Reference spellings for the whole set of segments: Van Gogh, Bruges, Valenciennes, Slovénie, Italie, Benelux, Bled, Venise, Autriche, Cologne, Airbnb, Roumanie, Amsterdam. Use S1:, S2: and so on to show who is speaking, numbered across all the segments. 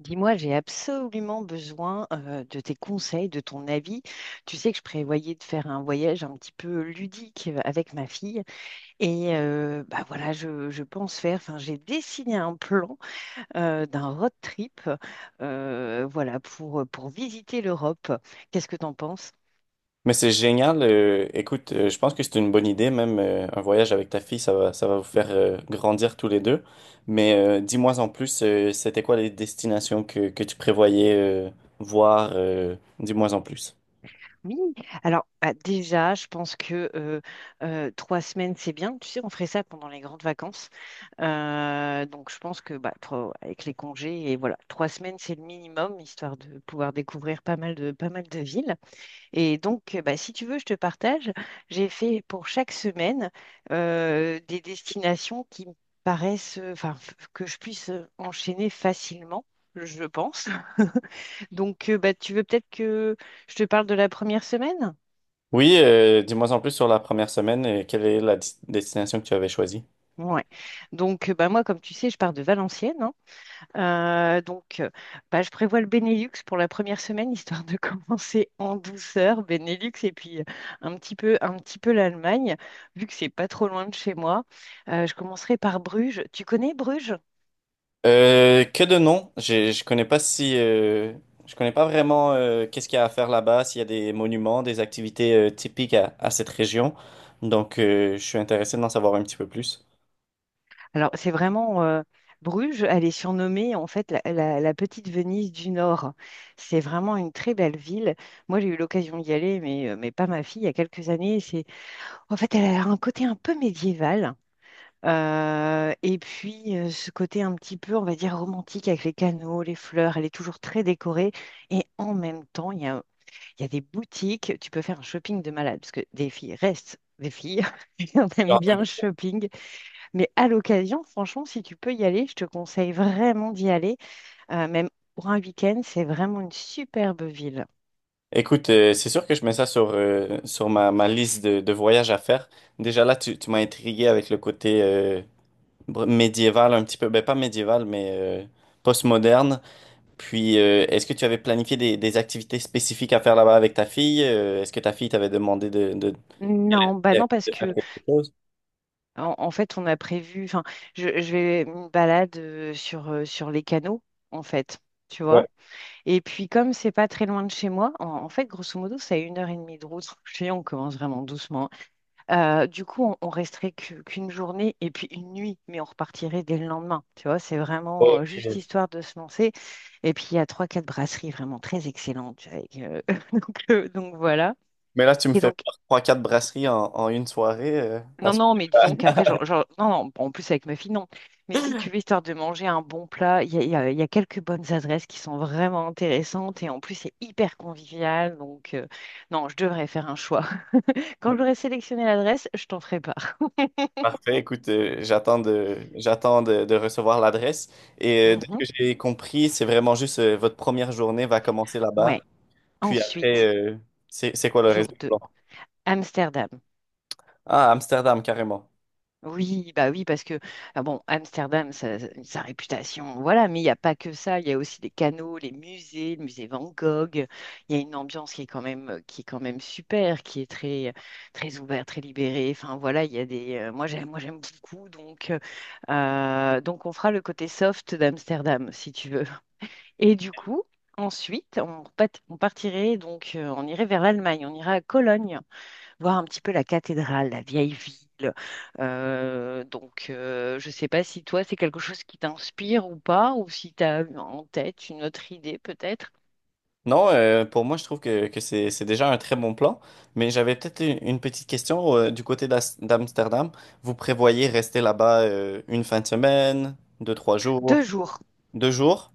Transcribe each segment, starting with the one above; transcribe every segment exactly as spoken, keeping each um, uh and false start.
S1: Dis-moi, j'ai absolument besoin euh, de tes conseils, de ton avis. Tu sais que je prévoyais de faire un voyage un petit peu ludique euh, avec ma fille. Et euh, bah voilà, je, je pense faire, enfin j'ai dessiné un plan euh, d'un road trip euh, voilà, pour, pour visiter l'Europe. Qu'est-ce que t'en penses?
S2: Mais c'est génial. Euh, écoute, euh, je pense que c'est une bonne idée, même euh, un voyage avec ta fille, ça va, ça va vous faire euh, grandir tous les deux. Mais euh, dis-moi en plus, euh, c'était quoi les destinations que, que tu prévoyais euh, voir? Euh, dis-moi en plus.
S1: Oui, alors bah, déjà, je pense que euh, euh, trois semaines, c'est bien. Tu sais, on ferait ça pendant les grandes vacances. Euh, donc, je pense que bah, trois- ouais, avec les congés, et voilà, trois semaines, c'est le minimum, histoire de pouvoir découvrir pas mal de, pas mal de villes. Et donc, euh, bah, si tu veux, je te partage. J'ai fait pour chaque semaine euh, des destinations qui me paraissent, euh, enfin, f- que je puisse euh, enchaîner facilement, je pense. Donc, euh, bah, tu veux peut-être que je te parle de la première semaine?
S2: Oui, euh, dis-moi en plus sur la première semaine. Euh, quelle est la dis- destination que tu avais choisie?
S1: Ouais. Donc, euh, bah, moi, comme tu sais, je pars de Valenciennes, hein. Euh, donc, euh, bah, je prévois le Benelux pour la première semaine, histoire de commencer en douceur, Benelux, et puis euh, un petit peu, un petit peu l'Allemagne, vu que c'est pas trop loin de chez moi. Euh, je commencerai par Bruges. Tu connais Bruges?
S2: Euh, que de noms. Je, je connais pas si, euh, je connais pas vraiment euh, qu'est-ce qu'il y a à faire là-bas, s'il y a des monuments, des activités euh, typiques à, à cette région. Donc, euh, je suis intéressé d'en savoir un petit peu plus.
S1: Alors, c'est vraiment euh, Bruges. Elle est surnommée en fait la, la- la petite Venise du Nord. C'est vraiment une très belle ville. Moi, j'ai eu l'occasion d'y aller, mais, euh, mais pas ma fille, il y a quelques années. C'est En fait, elle a un côté un peu médiéval. euh, et puis, euh, ce côté un petit peu, on va dire, romantique avec les canaux, les fleurs. Elle est toujours très décorée. Et en même temps, il y a, il y a des boutiques. Tu peux faire un shopping de malade parce que des filles restent des filles. et on aime
S2: Genre, euh,
S1: bien le shopping. Mais à l'occasion, franchement, si tu peux y aller, je te conseille vraiment d'y aller. Euh, même pour un week-end, c'est vraiment une superbe ville.
S2: Écoute, euh, c'est sûr que je mets ça sur, euh, sur ma, ma liste de, de voyages à faire. Déjà là, tu, tu m'as intrigué avec le côté euh, br- médiéval un petit peu. Ben, pas médiéval, mais euh, post-moderne. Puis, euh, est-ce que tu avais planifié des, des activités spécifiques à faire là-bas avec ta fille? Euh, est-ce que ta fille t'avait demandé de, de-
S1: Non, bah
S2: Elle
S1: non, parce
S2: peut faire
S1: que
S2: quelque chose.
S1: En, en fait, on a prévu, enfin, je, je vais une balade euh, sur, euh, sur les canaux, en fait, tu
S2: Ouais.
S1: vois. Et puis, comme c'est pas très loin de chez moi, en, en fait, grosso modo, c'est à une heure et demie de route. Je sais, on commence vraiment doucement. Euh, du coup, on, on resterait que- qu'une journée et puis une nuit, mais on repartirait dès le lendemain, tu vois. C'est vraiment euh, juste
S2: Ok.
S1: histoire de se lancer. Et puis, il y a trois, quatre brasseries vraiment très excellentes avec, euh, donc, euh, donc, voilà.
S2: Mais là, tu me
S1: Et
S2: fais
S1: donc,
S2: faire trois quatre brasseries en, en une soirée, euh,
S1: Non,
S2: parce-
S1: non, mais disons qu'après, genre, genre- non, non, en plus avec ma fille, non. Mais si tu veux, histoire de manger un bon plat, il y a, il y a- il y a quelques bonnes adresses qui sont vraiment intéressantes et en plus, c'est hyper convivial. Donc, euh, non, je devrais faire un choix. Quand j'aurai sélectionné l'adresse, je t'en ferai part.
S2: Parfait, écoute, euh, j'attends de, j'attends de, de recevoir l'adresse. Et euh, de ce
S1: Mhm.
S2: que j'ai compris, c'est vraiment juste euh, votre première journée va commencer là-bas.
S1: Ouais.
S2: Puis
S1: Ensuite,
S2: après, euh, c'est, c'est quoi le réseau?
S1: jour deux, Amsterdam.
S2: Ah, Amsterdam, carrément.
S1: Oui, bah oui, parce que ah bon, Amsterdam, sa, sa réputation, voilà, mais il n'y a pas que ça, il y a aussi les canaux, les musées, le musée Van Gogh, il y a une ambiance qui est quand même, euh, qui est quand même super, qui est très, très ouverte, très libérée. Enfin voilà, il y a des. Euh, moi j'aime, moi j'aime beaucoup, donc, euh, euh, donc on fera le côté soft d'Amsterdam, si tu veux. Et du coup, ensuite, on, repat- on partirait, donc euh, on irait vers l'Allemagne, on ira à Cologne voir un petit peu la cathédrale, la vieille ville. Euh, donc, euh, je ne sais pas si toi, c'est quelque chose qui t'inspire ou pas, ou si tu as en tête une autre idée peut-être.
S2: Non, euh, pour moi, je trouve que, que c'est, c'est déjà un très bon plan. Mais j'avais peut-être une, une petite question euh, du côté d'As- d'Amsterdam. Vous prévoyez rester là-bas euh, une fin de semaine, deux, trois
S1: Deux
S2: jours,
S1: jours.
S2: deux jours.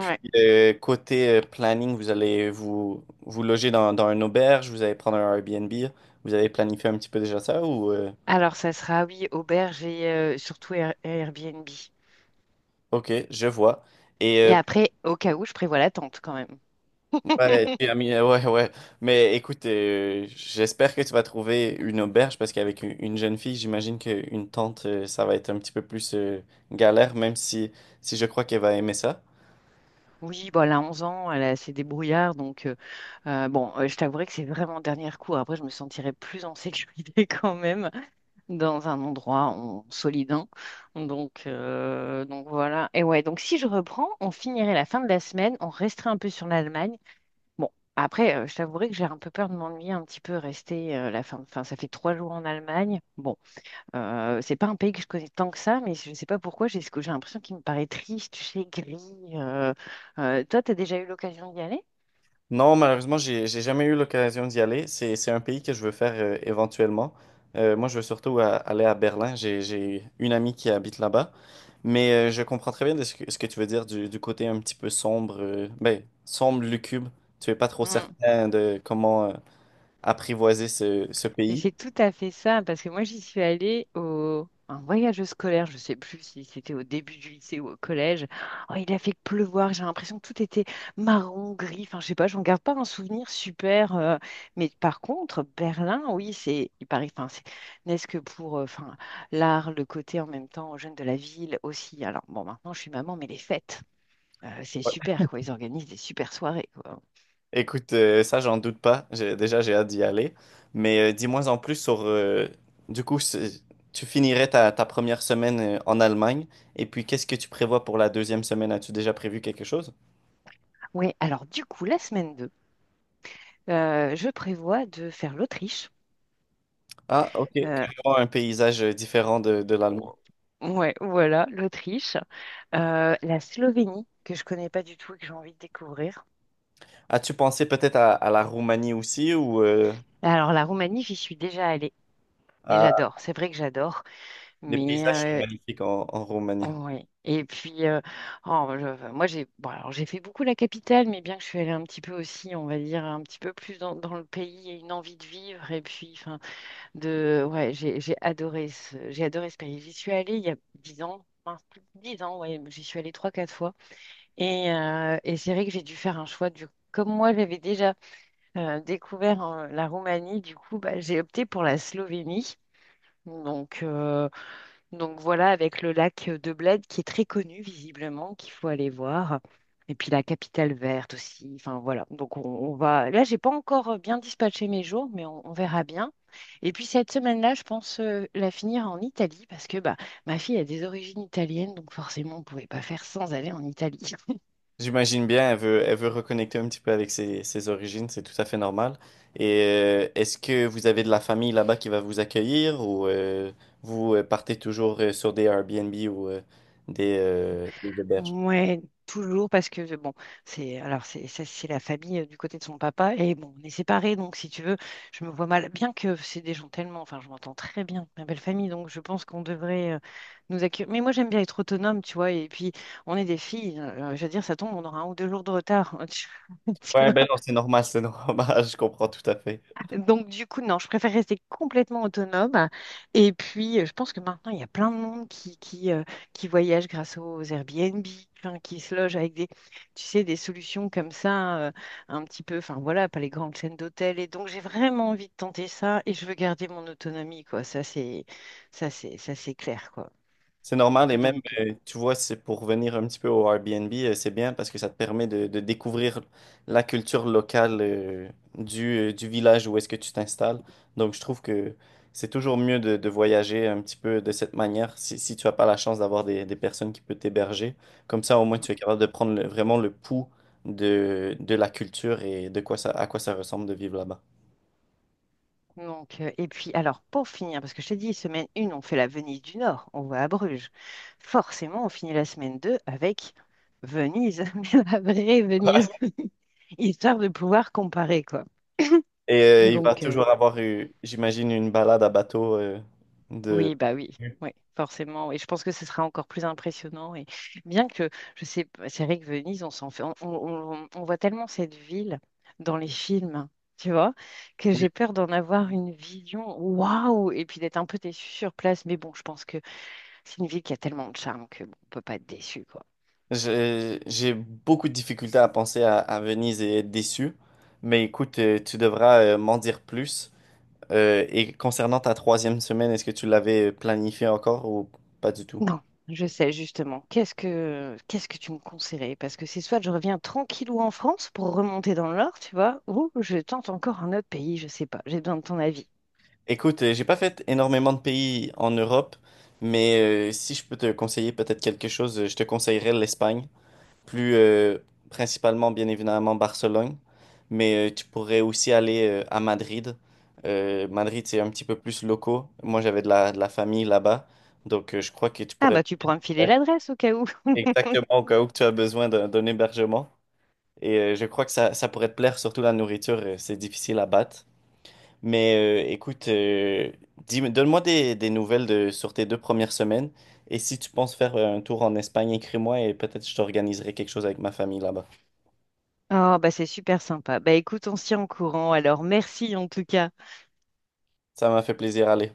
S2: Puis euh, côté euh, planning, vous allez vous, vous loger dans, dans une auberge, vous allez prendre un Airbnb. Vous avez planifié un petit peu déjà ça ou... euh,
S1: Alors, ça sera, oui, auberge et euh, surtout Air- Airbnb.
S2: Ok, je vois. Et euh,
S1: Et après, au cas où, je prévois la tente quand même.
S2: ouais, tu as mis- ouais, ouais. Mais écoute, euh, j'espère que tu vas trouver une auberge parce qu'avec une une jeune fille, j'imagine qu'une tente, euh, ça va être un petit peu plus euh, galère, même si, si je crois qu'elle va aimer ça.
S1: Oui, bon, elle a 11 ans, elle est assez débrouillarde, donc euh, euh, bon, euh, je t'avouerai que c'est vraiment dernier recours. Après, je me sentirais plus en sécurité quand même, dans un endroit en solidin. Donc, euh, donc voilà. Et ouais, donc si je reprends, on finirait la fin de la semaine, on resterait un peu sur l'Allemagne. Bon, après, euh, je t'avouerai que j'ai un peu peur de m'ennuyer un petit peu, rester euh, la fin. Enfin, ça fait trois jours en Allemagne. Bon, euh, c'est pas un pays que je connais tant que ça, mais je ne sais pas pourquoi, j'ai ce que j'ai l'impression qu'il me paraît triste, tu sais, gris. euh. Euh, toi, tu as déjà eu l'occasion d'y aller?
S2: Non, malheureusement, j'ai, j'ai jamais eu l'occasion d'y aller. C'est, c'est un pays que je veux faire euh, éventuellement. Euh, moi, je veux surtout a- aller à Berlin. J'ai, j'ai une amie qui habite là-bas. Mais euh, je comprends très bien de ce que, ce que tu veux dire du, du côté un petit peu sombre, euh, ben, sombre, lucube. Tu es pas trop certain de comment euh, apprivoiser ce, ce
S1: Mais
S2: pays.
S1: c'est tout à fait ça, parce que moi j'y suis allée au un voyage scolaire, je sais plus si c'était au début du lycée ou au collège. Oh, il a fait pleuvoir, j'ai l'impression que tout était marron, gris, enfin je sais pas, j'en garde pas un souvenir super. euh, Mais par contre, Berlin, oui, c'est, il paraît, enfin c'est, n'est-ce que pour, euh, enfin l'art, le côté en même temps jeune de la ville aussi. Alors bon, maintenant je suis maman, mais les fêtes, euh, c'est
S2: Ouais.
S1: super quoi, ils organisent des super soirées quoi.
S2: Écoute, euh, ça, j'en doute pas. J'ai- déjà, j'ai hâte d'y aller. Mais euh, dis-moi en plus sur... euh, du coup, c'est- tu finirais ta, ta première semaine euh, en Allemagne. Et puis, qu'est-ce que tu prévois pour la deuxième semaine? As-tu déjà prévu quelque chose?
S1: Oui, alors du coup la semaine deux, euh, je prévois de faire l'Autriche.
S2: Ah, ok.
S1: Euh,
S2: Carrément un paysage euh, différent de, de l'Allemagne.
S1: oh, ouais, voilà, l'Autriche. Euh, La Slovénie, que je connais pas du tout et que j'ai envie de découvrir.
S2: As-tu pensé peut-être à, à la Roumanie aussi ou euh,
S1: Alors, la Roumanie, j'y suis déjà allée et
S2: à...
S1: j'adore. C'est vrai que j'adore,
S2: les
S1: mais
S2: paysages sont
S1: euh,
S2: magnifiques en en
S1: oh,
S2: Roumanie?
S1: ouais. Et puis, euh, oh, je- enfin, moi, j'ai bon, alors, j'ai fait beaucoup la capitale, mais bien que je suis allée un petit peu aussi, on va dire, un petit peu plus dans, dans le pays et une envie de vivre. Et puis, enfin, de, ouais, j'ai j'ai adoré ce, j'ai adoré ce pays. J'y suis allée il y a dix ans, enfin, plus de 10 ans, ouais, j'y suis allée trois quatre fois. Et, euh, et c'est vrai que j'ai dû faire un choix du. Comme moi, j'avais déjà euh, découvert euh, la Roumanie, du coup, bah, j'ai opté pour la Slovénie. Donc, euh, donc voilà, avec le lac de Bled qui est très connu, visiblement, qu'il faut aller voir. Et puis la capitale verte aussi. Enfin voilà. Donc on, on va. Là, j'ai pas encore bien dispatché mes jours, mais on, on verra bien. Et puis cette semaine-là, je pense euh, la finir en Italie parce que bah, ma fille a des origines italiennes, donc forcément, on pouvait pas faire sans aller en Italie.
S2: J'imagine bien, elle veut, elle veut reconnecter un petit peu avec ses, ses origines, c'est tout à fait normal. Et euh, est-ce que vous avez de la famille là-bas qui va vous accueillir ou euh, vous euh, partez toujours euh, sur des Airbnb ou euh, des, euh, des auberges?
S1: Ouais, toujours parce que bon, c'est alors c'est ça, c'est la famille euh, du côté de son papa. Et bon, on est séparés, donc si tu veux, je me vois mal, bien que c'est des gens tellement, enfin je m'entends très bien avec ma belle famille, donc je pense qu'on devrait euh, nous accueillir. Mais moi j'aime bien être autonome, tu vois. Et puis on est des filles, euh, je veux dire ça tombe, on aura un ou deux jours de retard. Tu
S2: Ouais,
S1: vois.
S2: ben non, c'est normal, c'est normal, je comprends tout à fait.
S1: Donc, du coup, non, je préfère rester complètement autonome. Et puis, euh, je pense que maintenant, il y a plein de monde qui, qui, euh, qui voyage grâce aux Airbnb, enfin, qui se loge avec des, tu sais, des solutions comme ça, euh, un petit peu, enfin voilà, pas les grandes chaînes d'hôtels. Et donc, j'ai vraiment envie de tenter ça et je veux garder mon autonomie, quoi. Ça, c'est, ça, c'est, ça, c'est clair, quoi.
S2: C'est normal et même,
S1: Donc, euh,
S2: euh, tu vois, c'est pour revenir un petit peu au Airbnb, euh, c'est bien parce que ça te permet de, de découvrir la culture locale euh, du, euh, du village où est-ce que tu t'installes. Donc, je trouve que c'est toujours mieux de, de voyager un petit peu de cette manière si, si tu n'as pas la chance d'avoir des, des personnes qui peuvent t'héberger. Comme ça, au moins, tu es capable de prendre le- vraiment le pouls de, de la culture et de quoi ça, à quoi ça ressemble de vivre là-bas.
S1: Donc, euh, et puis, alors, pour finir, parce que je t'ai dit, semaine 1, on fait la Venise du Nord, on va à Bruges. Forcément, on finit la semaine deux avec Venise, mais la vraie Venise, histoire de pouvoir comparer, quoi.
S2: Et euh, il va
S1: Donc, euh,
S2: toujours avoir, eu, j'imagine, une balade à bateau euh, de...
S1: Oui, bah oui, oui, forcément. Et je pense que ce sera encore plus impressionnant. Et bien que, je sais pas, c'est vrai que Venise, on s'en fait, on, on- on- on voit tellement cette ville dans les films, tu vois, que j'ai peur d'en avoir une vision waouh, et puis d'être un peu déçue sur place. Mais bon, je pense que c'est une ville qui a tellement de charme que bon, on peut pas être déçu, quoi.
S2: J'ai j'ai beaucoup de difficultés à penser à, à Venise et être déçu. Mais écoute, euh, tu devras euh, m'en dire plus. Euh, et concernant ta troisième semaine, est-ce que tu l'avais planifié encore ou pas du tout?
S1: Non, je sais justement. Qu'est-ce que, qu'est-ce que tu me conseillerais? Parce que c'est soit je reviens tranquillou en France pour remonter dans le Nord, tu vois, ou je tente encore un autre pays, je sais pas. J'ai besoin de ton avis.
S2: Écoute, euh, j'ai pas fait énormément de pays en Europe, mais euh, si je peux te conseiller peut-être quelque chose, euh, je te conseillerais l'Espagne. Plus euh, principalement bien évidemment Barcelone, mais euh, tu pourrais aussi aller euh, à Madrid. Euh, Madrid, c'est un petit peu plus locaux. Moi, j'avais de la, de la famille là-bas, donc euh, je crois que tu
S1: Ah
S2: pourrais
S1: bah tu pourras me filer l'adresse au cas où.
S2: exactement au cas où que tu as besoin d'un d'un hébergement. Et euh, je crois que ça, ça pourrait te plaire, surtout la nourriture, euh, c'est difficile à battre. Mais euh, écoute, euh, dis- donne-moi des, des nouvelles de, sur tes deux premières semaines. Et si tu penses faire un tour en Espagne, écris-moi et peut-être je t'organiserai quelque chose avec ma famille là-bas.
S1: Oh bah c'est super sympa. Bah écoute, on se tient au courant. Alors merci en tout cas.
S2: Ça m'a fait plaisir, allez.